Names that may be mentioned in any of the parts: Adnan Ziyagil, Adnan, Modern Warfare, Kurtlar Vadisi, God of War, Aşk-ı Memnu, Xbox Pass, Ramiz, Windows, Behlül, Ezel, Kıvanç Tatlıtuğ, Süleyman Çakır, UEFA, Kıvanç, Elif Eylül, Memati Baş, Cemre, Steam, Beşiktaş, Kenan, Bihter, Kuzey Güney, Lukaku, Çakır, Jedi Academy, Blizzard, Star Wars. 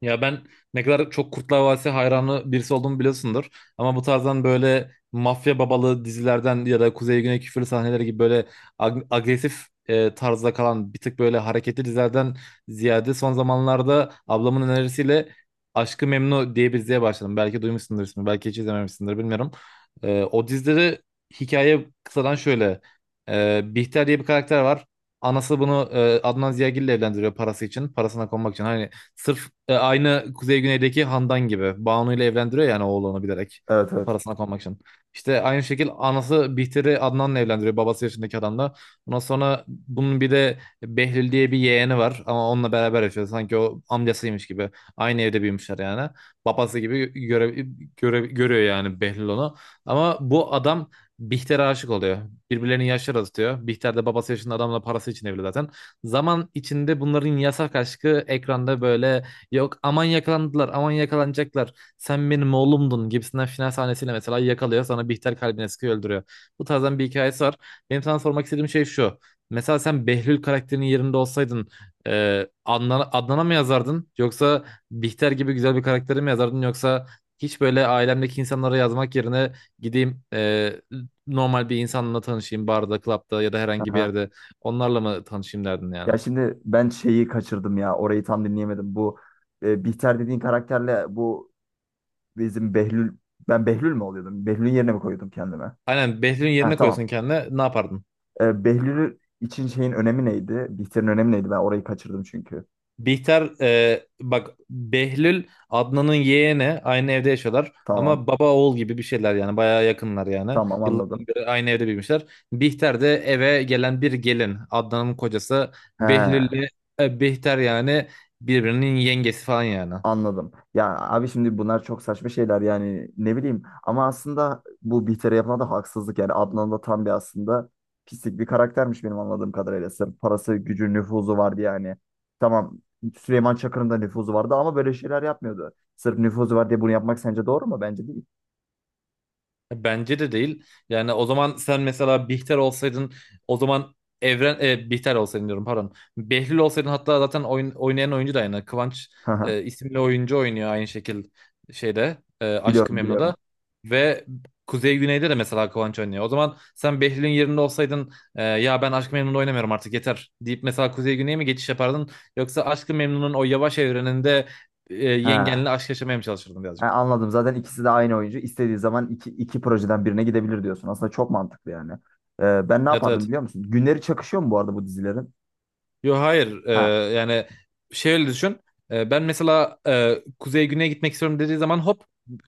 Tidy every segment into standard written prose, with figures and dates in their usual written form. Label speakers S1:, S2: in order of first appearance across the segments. S1: Ya ben ne kadar çok Kurtlar Vadisi hayranı birisi olduğumu biliyorsundur. Ama bu tarzdan böyle mafya babalı dizilerden ya da Kuzey Güney küfürlü sahneleri gibi böyle agresif tarzda kalan bir tık böyle hareketli dizilerden ziyade son zamanlarda ablamın önerisiyle aşkı Memnu diye bir diziye başladım. Belki duymuşsundur ismini, belki hiç izlememişsindir bilmiyorum. E, o dizileri Hikaye kısadan şöyle. Bihter diye bir karakter var. Anası bunu Adnan Ziyagil ile evlendiriyor parası için. Parasına konmak için. Hani sırf aynı Kuzey Güney'deki Handan gibi. Banu ile evlendiriyor yani oğlunu bilerek.
S2: Evet evet.
S1: Parasına konmak için. İşte aynı şekil anası Bihter'i Adnan'la evlendiriyor. Babası yaşındaki adamla. Ondan sonra bunun bir de Behlül diye bir yeğeni var. Ama onunla beraber yaşıyor. Sanki o amcasıymış gibi. Aynı evde büyümüşler yani. Babası gibi görüyor yani Behlül onu. Ama bu adam Bihter'e aşık oluyor. Birbirlerinin yaşları azıtıyor. Bihter de babası yaşında adamla parası için evli zaten. Zaman içinde bunların yasak aşkı ekranda böyle yok aman yakalandılar aman yakalanacaklar sen benim oğlumdun gibisinden final sahnesiyle mesela yakalıyor sonra Bihter kalbine sıkıyor öldürüyor. Bu tarzdan bir hikayesi var. Benim sana sormak istediğim şey şu. Mesela sen Behlül karakterinin yerinde olsaydın e, Adnan'a mı yazardın yoksa Bihter gibi güzel bir karakteri mi yazardın yoksa hiç böyle ailemdeki insanlara yazmak yerine gideyim normal bir insanla tanışayım barda, klapta ya da herhangi bir
S2: Aha.
S1: yerde onlarla mı tanışayım derdin
S2: Ya
S1: yani?
S2: şimdi ben şeyi kaçırdım ya. Orayı tam dinleyemedim. Bu Bihter dediğin karakterle bu bizim Behlül ben Behlül mü oluyordum? Behlül'ün yerine mi koyuyordum kendime?
S1: Aynen Behlül'ün
S2: Ha,
S1: yerine
S2: tamam.
S1: koyuyorsun kendine ne yapardın?
S2: Behlül için şeyin önemi neydi? Bihter'in önemi neydi? Ben orayı kaçırdım çünkü.
S1: Bihter bak Behlül Adnan'ın yeğeni aynı evde yaşıyorlar
S2: Tamam.
S1: ama baba oğul gibi bir şeyler yani bayağı yakınlar yani.
S2: Tamam, anladım.
S1: Yıllardan beri aynı evde büyümüşler. Bihter de eve gelen bir gelin Adnan'ın kocası
S2: He.
S1: Behlül'le Bihter yani birbirinin yengesi falan yani.
S2: Anladım. Ya abi, şimdi bunlar çok saçma şeyler yani, ne bileyim, ama aslında bu Bihter'e yapılan da haksızlık yani. Adnan da tam bir aslında pislik bir karaktermiş benim anladığım kadarıyla. Sırf parası, gücü, nüfuzu vardı yani. Tamam. Süleyman Çakır'ın da nüfuzu vardı ama böyle şeyler yapmıyordu. Sırf nüfuzu var diye bunu yapmak sence doğru mu? Bence değil.
S1: Bence de değil. Yani o zaman sen mesela Bihter olsaydın o zaman Bihter olsaydın diyorum pardon. Behlül olsaydın hatta zaten oynayan oyuncu da aynı. Kıvanç
S2: Haha,
S1: isimli oyuncu oynuyor aynı şekil şeyde Aşk-ı
S2: biliyorum
S1: Memnu'da.
S2: biliyorum.
S1: Ve Kuzey Güney'de de mesela Kıvanç oynuyor. O zaman sen Behlül'ün yerinde olsaydın ya ben Aşk-ı Memnu'da oynamıyorum artık yeter deyip mesela Kuzey Güney'e mi geçiş yapardın? Yoksa Aşk-ı Memnu'nun o yavaş evreninde
S2: Ha.
S1: yengenle aşk yaşamaya mı çalışırdın
S2: Ha,
S1: birazcık?
S2: anladım. Zaten ikisi de aynı oyuncu. İstediği zaman iki projeden birine gidebilir diyorsun. Aslında çok mantıklı yani. Ben ne
S1: Evet,
S2: yapardım
S1: evet.
S2: biliyor musun? Günleri çakışıyor mu bu arada bu dizilerin?
S1: Yo, hayır.
S2: Ha.
S1: Yani şöyle düşün. Ben mesela kuzey güneye gitmek istiyorum dediği zaman hop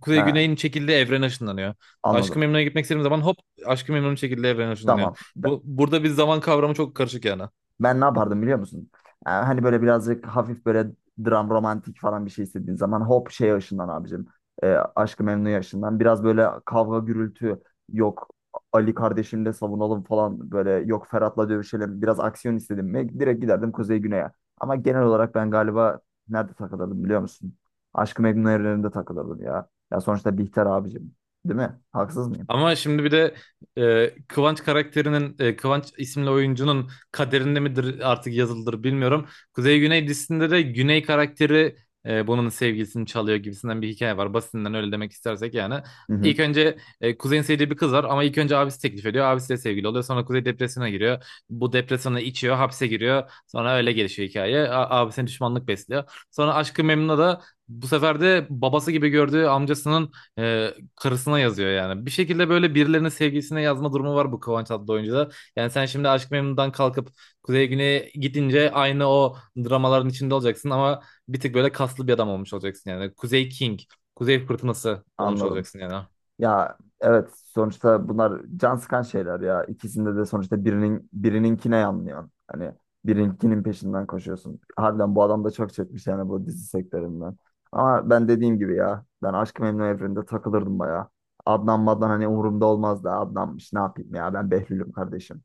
S1: kuzey
S2: Ha,
S1: güneyin çekildiği evrene ışınlanıyor. Aşk-ı
S2: anladım.
S1: Memnu'ya gitmek istediğim zaman hop Aşk-ı Memnu'nun çekildiği evrene ışınlanıyor.
S2: Tamam.
S1: Burada bir zaman kavramı çok karışık yani.
S2: Ben ne yapardım biliyor musun? Hani böyle birazcık hafif böyle dram romantik falan bir şey istediğin zaman hop şey ışından abicim. Ee, Aşk-ı Memnu ışından. Biraz böyle kavga gürültü yok. Ali kardeşimle savunalım falan, böyle yok Ferhat'la dövüşelim. Biraz aksiyon istedim mi? Direkt giderdim Kuzey Güney'e. Ama genel olarak ben galiba nerede takılırdım biliyor musun? Aşk-ı Memnu evreninde takılırdım ya. Ya sonuçta Bihter abicim. Değil mi? Haksız mıyım?
S1: Ama şimdi bir de Kıvanç karakterinin, Kıvanç isimli oyuncunun kaderinde midir artık yazılıdır bilmiyorum. Kuzey Güney dizisinde de Güney karakteri bunun sevgilisini çalıyor gibisinden bir hikaye var. Basitinden öyle demek istersek yani.
S2: Hı hı,
S1: İlk önce Kuzey'in sevdiği bir kız var ama ilk önce abisi teklif ediyor. Abisiyle sevgili oluyor. Sonra Kuzey depresyona giriyor. Bu depresyona içiyor, hapse giriyor. Sonra öyle gelişiyor hikaye. Abisine düşmanlık besliyor. Sonra Aşk-ı Memnu'da da bu sefer de babası gibi gördüğü amcasının karısına yazıyor yani. Bir şekilde böyle birilerinin sevgilisine yazma durumu var bu Kıvanç adlı oyuncuda. Yani sen şimdi Aşk Memnu'dan kalkıp Kuzey Güney'e gidince aynı o dramaların içinde olacaksın ama bir tık böyle kaslı bir adam olmuş olacaksın yani. Kuzey King, Kuzey Fırtınası olmuş
S2: anladım.
S1: olacaksın yani.
S2: Ya evet, sonuçta bunlar can sıkan şeyler ya. İkisinde de sonuçta birinin birininkine yanlıyorsun. Hani birininkinin peşinden koşuyorsun. Harbiden bu adam da çok çekmiş yani bu dizi sektöründen. Ama ben dediğim gibi ya, ben Aşk-ı Memnu evreninde takılırdım bayağı. Adnan maddan hani umurumda olmazdı. Adnanmış ne yapayım, ya ben Behlül'üm kardeşim.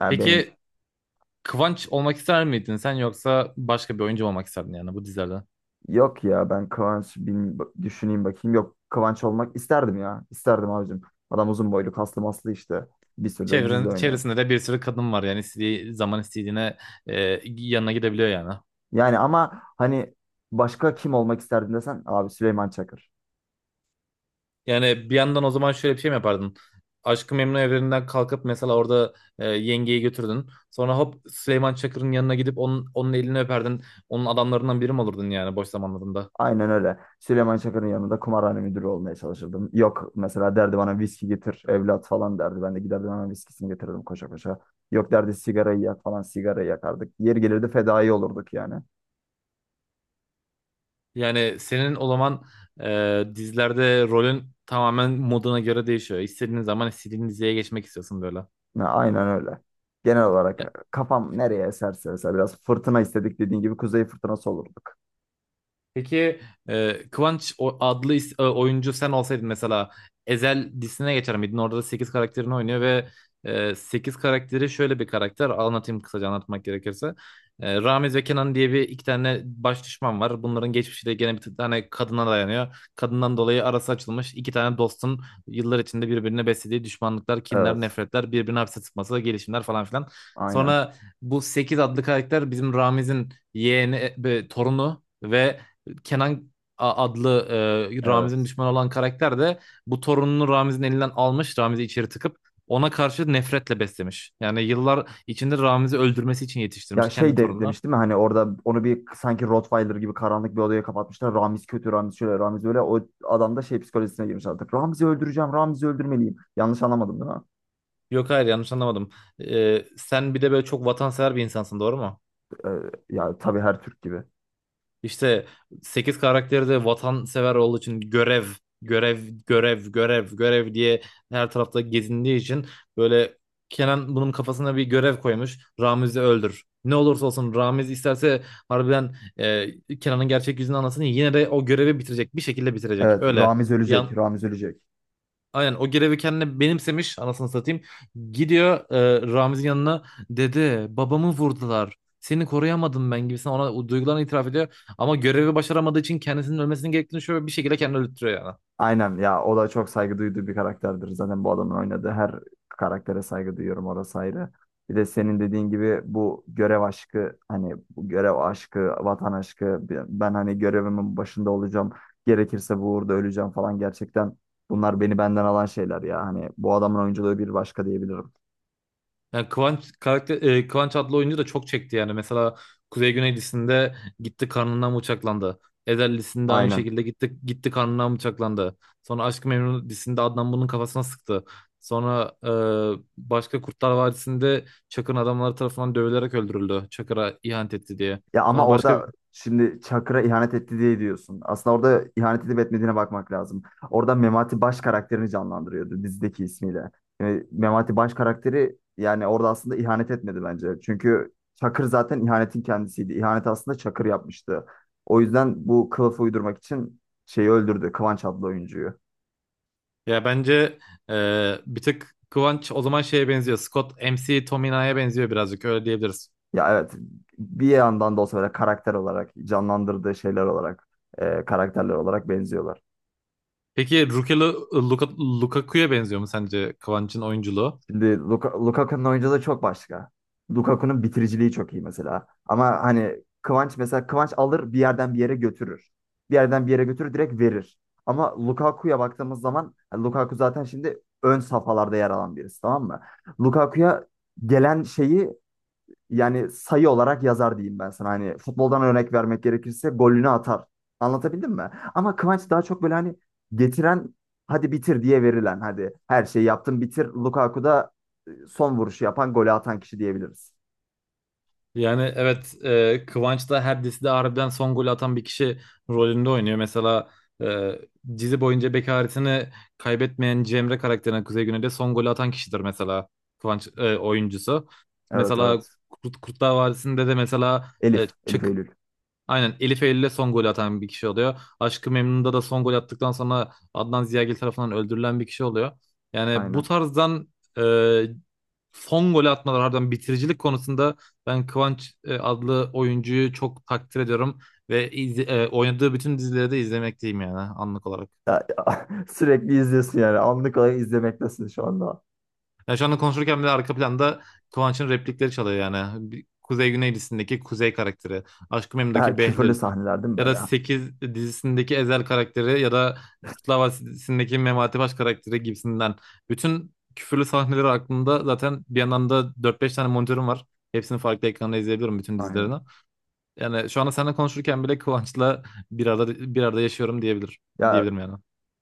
S2: Ya benim
S1: Peki Kıvanç olmak ister miydin sen yoksa başka bir oyuncu mu olmak isterdin yani bu dizilerden?
S2: yok ya, düşüneyim bakayım. Yok, Kıvanç olmak isterdim ya. İsterdim abicim. Adam uzun boylu, kaslı maslı işte. Bir sürü de dizide oynuyor.
S1: Çevresinde de bir sürü kadın var yani istediği zaman istediğine yanına gidebiliyor yani.
S2: Yani ama hani başka kim olmak isterdin desen, abi Süleyman Çakır.
S1: Yani bir yandan o zaman şöyle bir şey mi yapardın? Aşk-ı Memnu evreninden kalkıp mesela orada yengeyi götürdün. Sonra hop Süleyman Çakır'ın yanına gidip onun elini öperdin. Onun adamlarından biri mi olurdun yani boş zamanlarında?
S2: Aynen öyle. Süleyman Çakır'ın yanında kumarhane müdürü olmaya çalışırdım. Yok, mesela derdi bana viski getir evlat falan derdi. Ben de giderdim hemen, viskisini getirirdim koşa koşa. Yok derdi sigarayı yak falan, sigarayı yakardık. Yeri gelirdi fedai olurduk yani.
S1: Yani senin o zaman dizilerde rolün tamamen moduna göre değişiyor. İstediğin zaman istediğin diziye geçmek istiyorsun böyle.
S2: Ha, aynen öyle. Genel olarak kafam nereye eserse, mesela biraz fırtına istedik dediğin gibi kuzey fırtınası olurduk.
S1: Peki Kıvanç adlı oyuncu sen olsaydın mesela Ezel dizisine geçer miydin? Orada da 8 karakterini oynuyor ve 8 karakteri şöyle bir karakter. Anlatayım kısaca anlatmak gerekirse. Ramiz ve Kenan diye bir iki tane baş düşman var. Bunların geçmişi de gene bir tane kadına dayanıyor. Kadından dolayı arası açılmış iki tane dostun yıllar içinde birbirine beslediği düşmanlıklar, kinler,
S2: Evet.
S1: nefretler, birbirini hapse tıkması, gelişimler falan filan.
S2: Aynen.
S1: Sonra bu 8 adlı karakter bizim Ramiz'in yeğeni, torunu ve Kenan adlı Ramiz'in
S2: Evet.
S1: düşmanı olan karakter de bu torununu Ramiz'in elinden almış. Ramiz'i içeri tıkıp ona karşı nefretle beslemiş. Yani yıllar içinde Ramiz'i öldürmesi için
S2: Ya
S1: yetiştirmiş kendi torununa.
S2: demiş değil mi hani orada onu bir sanki Rottweiler gibi karanlık bir odaya kapatmışlar. Ramiz kötü, Ramiz şöyle, Ramiz böyle. O adam da şey psikolojisine girmiş artık. Ramiz'i öldüreceğim, Ramiz'i öldürmeliyim. Yanlış anlamadım değil mi?
S1: Yok, hayır, yanlış anlamadım. Sen bir de böyle çok vatansever bir insansın, doğru mu?
S2: Ya tabii, her Türk gibi.
S1: İşte 8 karakteri de vatansever olduğu için görev, görev, görev, görev, görev diye her tarafta gezindiği için böyle Kenan bunun kafasına bir görev koymuş. Ramiz'i öldür. Ne olursa olsun Ramiz isterse harbiden Kenan'ın gerçek yüzünü anlasın yine de o görevi bitirecek. Bir şekilde bitirecek.
S2: Evet,
S1: Öyle.
S2: Ramiz ölecek,
S1: Yan,
S2: Ramiz ölecek.
S1: Aynen o görevi kendine benimsemiş anasını satayım. Gidiyor Ramiz'in yanına, dede babamı vurdular. Seni koruyamadım ben gibisinden ona o duygularını itiraf ediyor. Ama görevi başaramadığı için kendisinin ölmesinin gerektiğini şöyle bir şekilde kendini öldürtüyor yani.
S2: Aynen ya, o da çok saygı duyduğu bir karakterdir. Zaten bu adamın oynadığı her karaktere saygı duyuyorum, orası ayrı. Bir de senin dediğin gibi bu görev aşkı, hani bu görev aşkı, vatan aşkı, ben hani görevimin başında olacağım. Gerekirse bu uğurda öleceğim falan, gerçekten bunlar beni benden alan şeyler ya. Hani bu adamın oyunculuğu bir başka diyebilirim.
S1: Yani Kıvanç adlı oyuncu da çok çekti yani. Mesela Kuzey Güney dizisinde gitti karnından bıçaklandı. Ezel dizisinde aynı
S2: Aynen.
S1: şekilde gitti karnından bıçaklandı. Sonra Aşk-ı Memnu dizisinde Adnan bunun kafasına sıktı. Sonra başka Kurtlar Vadisi'nde Çakır'ın adamları tarafından dövülerek öldürüldü. Çakır'a ihanet etti diye.
S2: Ya ama
S1: Sonra başka
S2: orada şimdi Çakır'a ihanet etti diye diyorsun. Aslında orada ihanet edip etmediğine bakmak lazım. Orada Memati Baş karakterini canlandırıyordu dizideki ismiyle. Yani Memati Baş karakteri yani orada aslında ihanet etmedi bence. Çünkü Çakır zaten ihanetin kendisiydi. İhanet aslında Çakır yapmıştı. O yüzden bu kılıfı uydurmak için şeyi öldürdü, Kıvanç adlı oyuncuyu.
S1: ya bence e, bir tık Kıvanç o zaman şeye benziyor. Scott MC Tomina'ya benziyor birazcık öyle diyebiliriz.
S2: Ya evet, bir yandan da olsa böyle karakter olarak canlandırdığı şeyler olarak karakterler olarak benziyorlar.
S1: Peki Rukelu Lukaku'ya benziyor mu sence Kıvanç'ın oyunculuğu?
S2: Şimdi Lukaku'nun oyunculuğu çok başka. Lukaku'nun bitiriciliği çok iyi mesela. Ama hani Kıvanç, mesela Kıvanç alır bir yerden bir yere götürür. Bir yerden bir yere götürür, direkt verir. Ama Lukaku'ya baktığımız zaman yani Lukaku zaten şimdi ön safhalarda yer alan birisi, tamam mı? Lukaku'ya gelen şeyi yani sayı olarak yazar diyeyim ben sana. Hani futboldan örnek vermek gerekirse golünü atar. Anlatabildim mi? Ama Kıvanç daha çok böyle hani getiren, hadi bitir diye verilen, hadi her şeyi yaptın bitir. Lukaku da son vuruşu yapan, golü atan kişi diyebiliriz.
S1: Yani evet Kıvanç da her dizide harbiden son golü atan bir kişi rolünde oynuyor. Mesela e, dizi boyunca bekaretini kaybetmeyen Cemre karakterine Kuzey Güney'de son golü atan kişidir mesela Kıvanç oyuncusu.
S2: Evet
S1: Mesela
S2: evet.
S1: Kurtlar Vadisi'nde de mesela
S2: Elif
S1: Çakır
S2: Eylül.
S1: aynen Elif Eylül'e son golü atan bir kişi oluyor. Aşk-ı Memnun'da da son gol attıktan sonra Adnan Ziyagil tarafından öldürülen bir kişi oluyor. Yani bu
S2: Aynen.
S1: tarzdan e, son golü atmalar harbiden bitiricilik konusunda ben Kıvanç adlı oyuncuyu çok takdir ediyorum ve oynadığı bütün dizileri de izlemekteyim yani anlık olarak.
S2: Ya, ya, sürekli izliyorsun yani. Anlık olarak izlemektesin şu anda.
S1: Ya şu anda konuşurken bile arka planda Kıvanç'ın replikleri çalıyor yani. Kuzey Güney dizisindeki Kuzey karakteri, Aşk-ı
S2: Ha,
S1: Memnu'daki
S2: küfürlü
S1: Behlül
S2: sahneler değil mi
S1: ya
S2: böyle?
S1: da 8 dizisindeki Ezel karakteri ya da Kurtlar Vadisi'ndeki Memati Baş karakteri gibisinden. Bütün küfürlü sahneleri aklımda zaten, bir yandan da dört beş tane monitörüm var. Hepsini farklı ekranda izleyebilirim bütün
S2: Aynen.
S1: dizilerini. Yani şu anda seninle konuşurken bile Kıvanç'la bir arada yaşıyorum
S2: Ya
S1: diyebilirim yani.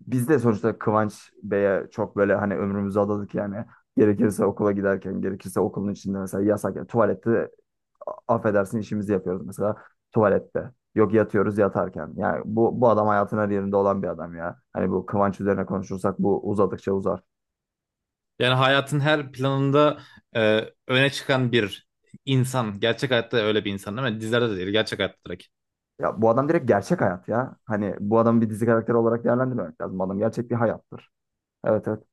S2: biz de sonuçta Kıvanç Bey'e çok böyle hani ömrümüzü adadık yani. Gerekirse okula giderken, gerekirse okulun içinde mesela yasak. Yani tuvalette affedersin işimizi yapıyoruz mesela tuvalette. Yok, yatıyoruz yatarken. Yani bu adam hayatın her yerinde olan bir adam ya. Hani bu Kıvanç üzerine konuşursak bu uzadıkça uzar.
S1: Yani hayatın her planında e, öne çıkan bir insan. Gerçek hayatta öyle bir insan değil mi? Dizilerde de değil, gerçek hayatta direkt.
S2: Ya bu adam direkt gerçek hayat ya. Hani bu adamı bir dizi karakteri olarak değerlendirmemek lazım. Bu adam gerçek bir hayattır. Evet evet.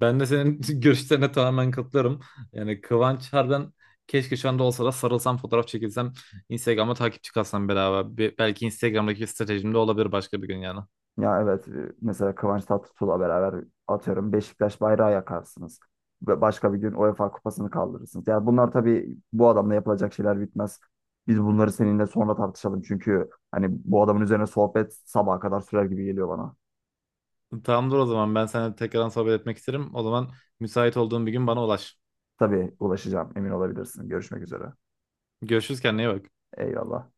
S1: Ben de senin görüşlerine tamamen katılıyorum. Yani Kıvanç harbiden keşke şu anda olsa da sarılsam, fotoğraf çekilsem, Instagram'a takipçi kalsam beraber. Belki Instagram'daki stratejimde olabilir başka bir gün yani.
S2: Ya evet, mesela Kıvanç Tatlıtuğ'la beraber atıyorum Beşiktaş bayrağı yakarsınız. Ve başka bir gün UEFA kupasını kaldırırsınız. Yani bunlar tabii, bu adamla yapılacak şeyler bitmez. Biz bunları seninle sonra tartışalım. Çünkü hani bu adamın üzerine sohbet sabaha kadar sürer gibi geliyor bana.
S1: Tamamdır, o zaman ben seninle tekrardan sohbet etmek isterim. O zaman müsait olduğun bir gün bana ulaş.
S2: Tabii ulaşacağım, emin olabilirsin. Görüşmek üzere.
S1: Görüşürüz, kendine iyi bak.
S2: Eyvallah.